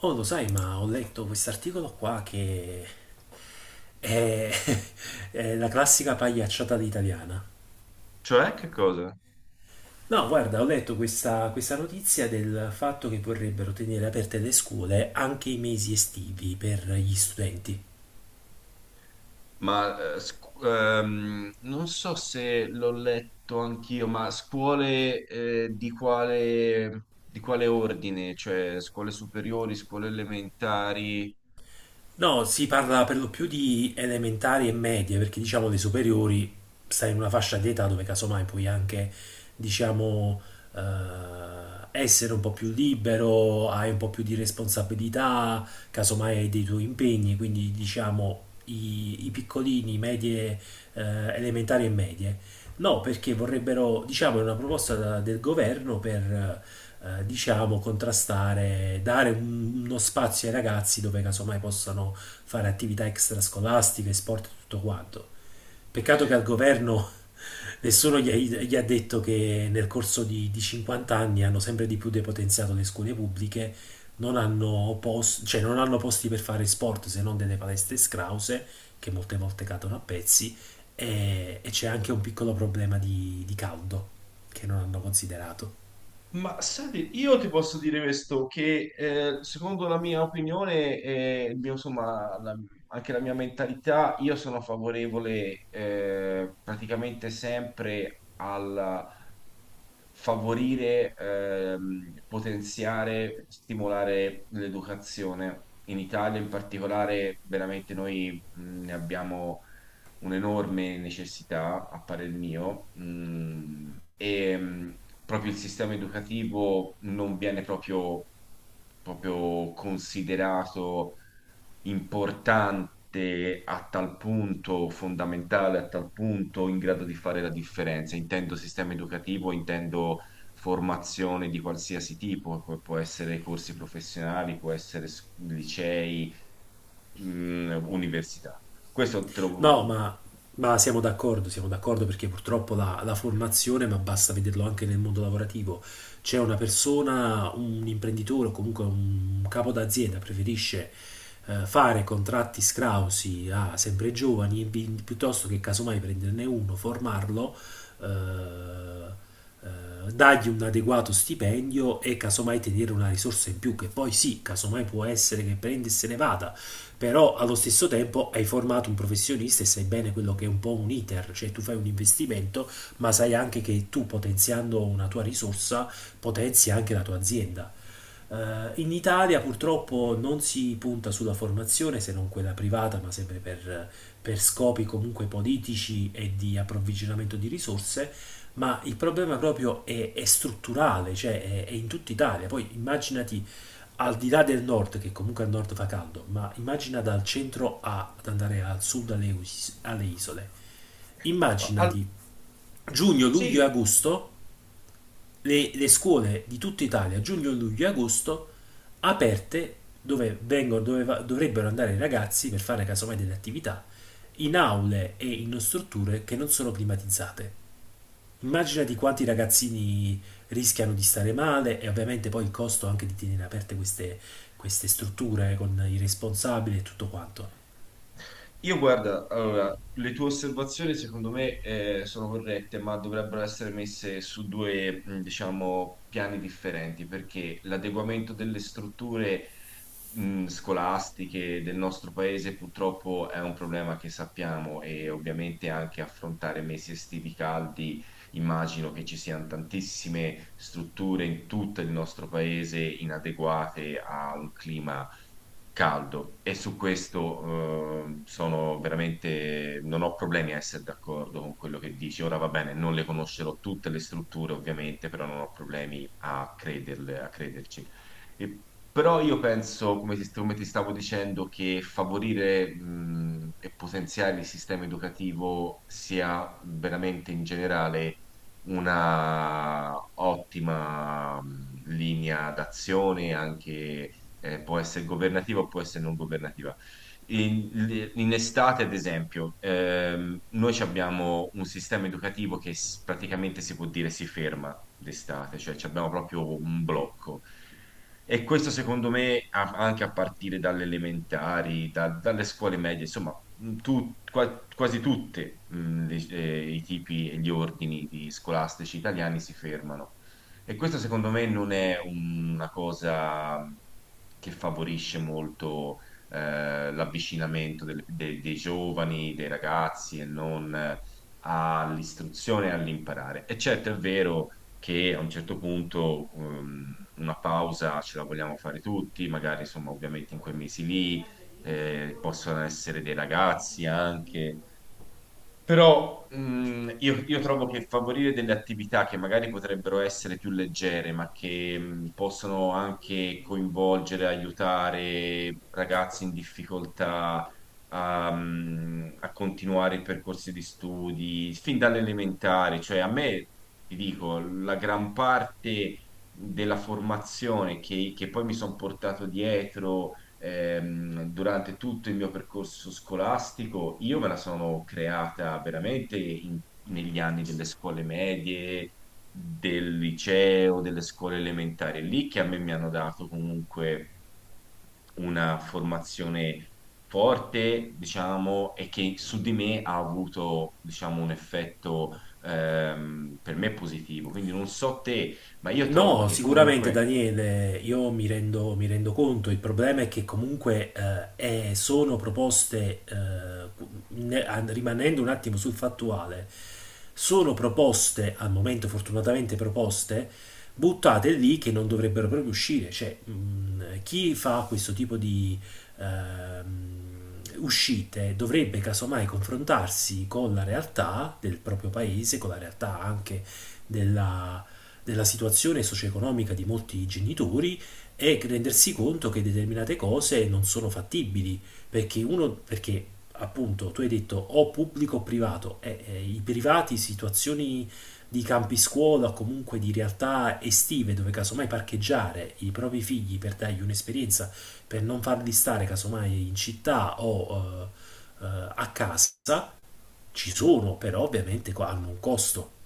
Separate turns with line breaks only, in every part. Oh, lo sai, ma ho letto quest'articolo qua è, è la classica pagliacciata italiana.
Cioè, che cosa?
No, guarda, ho letto questa notizia del fatto che vorrebbero tenere aperte le scuole anche i mesi estivi per gli studenti.
Ma non so se l'ho letto anch'io, ma scuole di quale ordine? Cioè, scuole superiori, scuole elementari?
No, si parla per lo più di elementari e medie, perché diciamo le superiori stai in una fascia di età dove casomai puoi anche, diciamo, eh, essere un po' più libero, hai un po' più di responsabilità, casomai hai dei tuoi impegni, quindi diciamo i piccolini, medie, eh, elementari e medie. No, perché vorrebbero, diciamo, è una proposta del governo per diciamo, contrastare, dare uno spazio ai ragazzi dove casomai possano fare attività extrascolastiche, sport e tutto quanto. Peccato che al governo nessuno gli ha detto che nel corso di 50 anni hanno sempre di più depotenziato le scuole pubbliche, non hanno, cioè non hanno posti per fare sport se non delle palestre scrause, che molte volte cadono a pezzi, e c'è anche un piccolo problema di caldo che non hanno considerato.
Ma senti, io ti posso dire questo, che secondo la mia opinione, e il mio, insomma, anche la mia mentalità, io sono favorevole praticamente sempre al favorire, potenziare, stimolare l'educazione. In Italia in particolare, veramente noi ne abbiamo un'enorme necessità, a parer mio, e proprio il sistema educativo non viene proprio, proprio considerato importante a tal punto, fondamentale a tal punto, in grado di fare la differenza. Intendo sistema educativo, intendo formazione di qualsiasi tipo, può essere corsi professionali, può essere licei, università. Questo te lo,
No, ma siamo d'accordo perché purtroppo la formazione, ma basta vederlo anche nel mondo lavorativo, c'è una persona, un imprenditore o comunque un capo d'azienda preferisce fare contratti scrausi a sempre giovani e piuttosto che casomai prenderne uno, formarlo, eh, dargli un adeguato stipendio e casomai tenere una risorsa in più che poi sì, casomai può essere che prendi e se ne vada però allo stesso tempo hai formato un professionista e sai bene quello che è un po' un iter, cioè tu fai un investimento, ma sai anche che tu potenziando una tua risorsa potenzi anche la tua azienda. In Italia purtroppo non si punta sulla formazione se non quella privata, ma sempre per scopi comunque politici e di approvvigionamento di risorse, ma il problema proprio è strutturale, cioè è in tutta Italia. Poi immaginati al di là del nord, che comunque al nord fa caldo, ma immagina dal centro ad andare al sud alle, alle isole.
No, al-
Immaginati giugno, luglio e
sì,
agosto, le scuole di tutta Italia, giugno, luglio e agosto, aperte dove, vengono, dove dovrebbero andare i ragazzi per fare casomai delle attività, in aule e in strutture che non sono climatizzate. Immaginati quanti ragazzini rischiano di stare male e ovviamente poi il costo anche di tenere aperte queste, queste strutture con i responsabili e tutto quanto.
io guarda, allora, le tue osservazioni secondo me sono corrette, ma dovrebbero essere messe su due, diciamo, piani differenti, perché l'adeguamento delle strutture scolastiche del nostro paese purtroppo è un problema che sappiamo e ovviamente anche affrontare mesi estivi caldi, immagino che ci siano tantissime strutture in tutto il nostro paese inadeguate a un clima caldo e su questo sono veramente, non ho problemi a essere d'accordo con quello che dici. Ora va bene, non le conoscerò tutte le strutture ovviamente, però non ho problemi a crederle, a crederci. E- Però io penso, come ti stavo dicendo, che favorire e potenziare il sistema educativo sia veramente in generale una ottima linea d'azione anche può essere governativa o può essere non governativa. In, in estate, ad esempio, noi ci abbiamo un sistema educativo che praticamente si può dire si ferma d'estate, cioè ci abbiamo proprio un blocco. E questo secondo me anche a partire dalle elementari, dalle scuole medie, insomma, quasi tutti i tipi e gli ordini di scolastici italiani si fermano. E questo secondo me non è una cosa che favorisce molto l'avvicinamento dei, dei giovani, dei ragazzi e non all'istruzione e all'imparare. E certo è vero che a un certo punto una pausa ce la vogliamo fare tutti, magari insomma ovviamente in quei mesi lì possono essere dei ragazzi anche però mh, io trovo che favorire delle attività che magari potrebbero essere più leggere, ma che possono anche coinvolgere, aiutare ragazzi in difficoltà a, a continuare i percorsi di studi, fin dall'elementare, cioè a me, ti dico, la gran parte della formazione che poi mi sono portato dietro durante tutto il mio percorso scolastico, io me la sono creata veramente negli anni delle scuole medie, del liceo, delle scuole elementari. È lì che a me mi hanno dato comunque una formazione forte, diciamo, e che su di me ha avuto, diciamo, un effetto per me positivo. Quindi non so te, ma io trovo
No,
che
sicuramente
comunque
Daniele, io mi rendo conto, il problema è che comunque sono proposte, rimanendo un attimo sul fattuale, sono proposte, al momento fortunatamente proposte, buttate lì che non dovrebbero proprio uscire. Cioè, chi fa questo tipo di uscite dovrebbe casomai confrontarsi con la realtà del proprio paese, con la realtà anche della della situazione socio-economica di molti genitori e rendersi conto che determinate cose non sono fattibili, perché uno, perché appunto tu hai detto o pubblico o privato, i privati, situazioni di campi scuola o comunque di realtà estive dove casomai parcheggiare i propri figli per dargli un'esperienza, per non farli stare casomai in città o a casa, ci sono, però ovviamente hanno un costo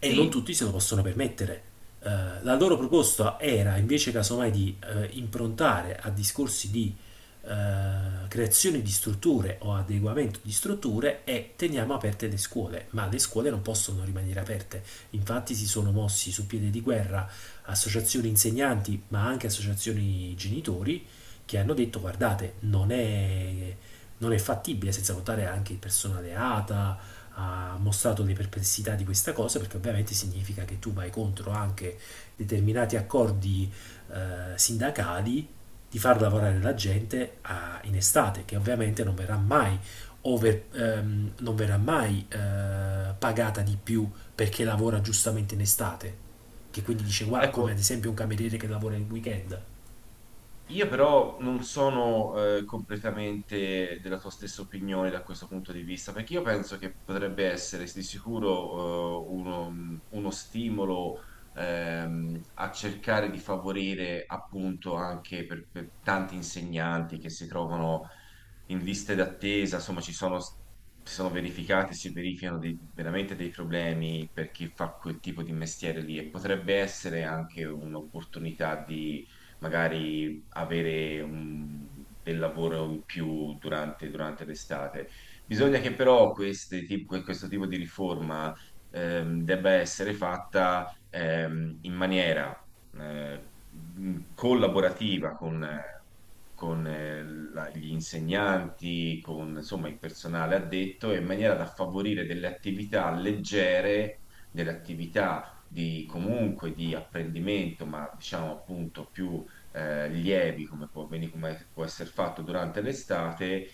e non
sì,
tutti se lo possono permettere. Eh, la loro proposta era invece casomai di improntare a discorsi di creazione di strutture o adeguamento di strutture e teniamo aperte le scuole, ma le scuole non possono rimanere aperte. Infatti si sono mossi su piede di guerra associazioni insegnanti, ma anche associazioni genitori che hanno detto guardate, non è fattibile senza contare anche il personale ATA, ha mostrato le perplessità di questa cosa perché ovviamente significa che tu vai contro anche determinati accordi sindacali di far lavorare la gente in estate, che ovviamente non verrà mai pagata di più perché lavora giustamente in estate, che quindi dice, "Guarda", come ad
ecco,
esempio un cameriere che lavora il weekend.
io però non sono completamente della tua stessa opinione da questo punto di vista, perché io penso che potrebbe essere di sicuro uno, uno stimolo a cercare di favorire appunto anche per tanti insegnanti che si trovano in liste d'attesa, insomma ci sono, si sono verificati, si verificano veramente dei problemi per chi fa quel tipo di mestiere lì e potrebbe essere anche un'opportunità di magari avere del lavoro in più durante, durante l'estate. Bisogna che però questo tipo di riforma debba essere fatta in maniera collaborativa con gli insegnanti, con insomma il personale addetto, in maniera da favorire delle attività leggere, delle attività di comunque di apprendimento, ma diciamo appunto più lievi, come può, come può essere fatto durante l'estate,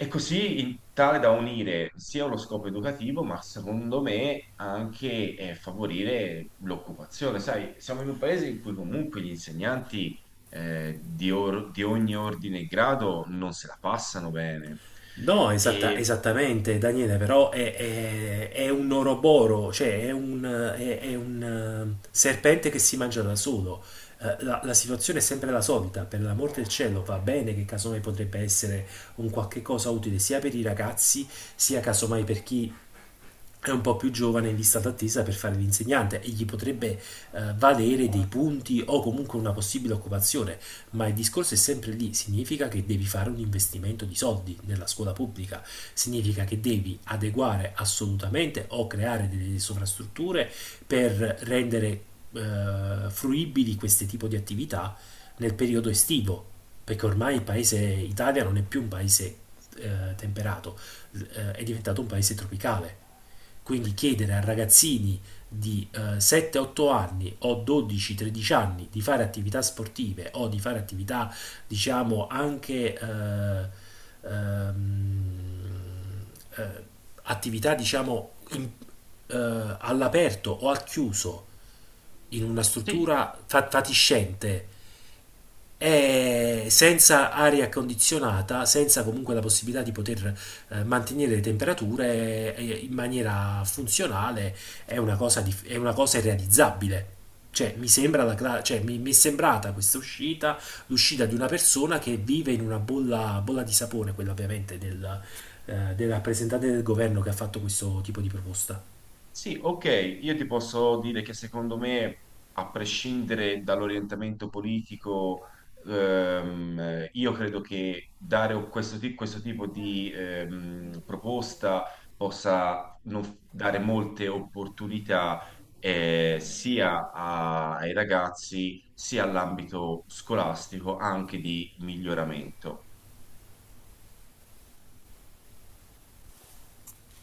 e così in tale da unire sia uno scopo educativo, ma secondo me anche favorire l'occupazione. Sai, siamo in un paese in cui comunque gli insegnanti di ogni ordine e grado non se la passano bene.
No,
E
esattamente, Daniele, però è un oroboro, è un, serpente che si mangia da solo. La situazione è sempre la solita, per l'amor del cielo va bene che casomai potrebbe essere un qualche cosa utile sia per i ragazzi, sia casomai per chi è un po' più giovane in lista d'attesa per fare l'insegnante e gli potrebbe valere dei punti o comunque una possibile occupazione, ma il discorso è sempre lì, significa che devi fare un investimento di soldi nella scuola pubblica, significa che devi adeguare assolutamente o creare delle sovrastrutture per rendere fruibili questo tipo di attività nel periodo estivo, perché ormai il paese Italia non è più un paese temperato, è diventato un paese tropicale quindi chiedere a ragazzini di 7-8 anni o 12-13 anni di fare attività sportive o di fare attività, diciamo, anche ehm, eh, attività, diciamo, all'aperto o al chiuso in una
sì.
struttura fatiscente e senza aria condizionata, senza comunque la possibilità di poter mantenere le temperature in maniera funzionale, è una cosa, è una cosa irrealizzabile. Cioè, mi è sembrata questa uscita l'uscita di una persona che vive in una bolla, bolla di sapone, quella ovviamente del, del rappresentante del governo che ha fatto questo tipo di proposta.
Sì, ok, io ti posso dire che secondo me, a prescindere dall'orientamento politico, io credo che dare questo, questo tipo di proposta possa dare molte opportunità sia ai ragazzi sia all'ambito scolastico anche di miglioramento.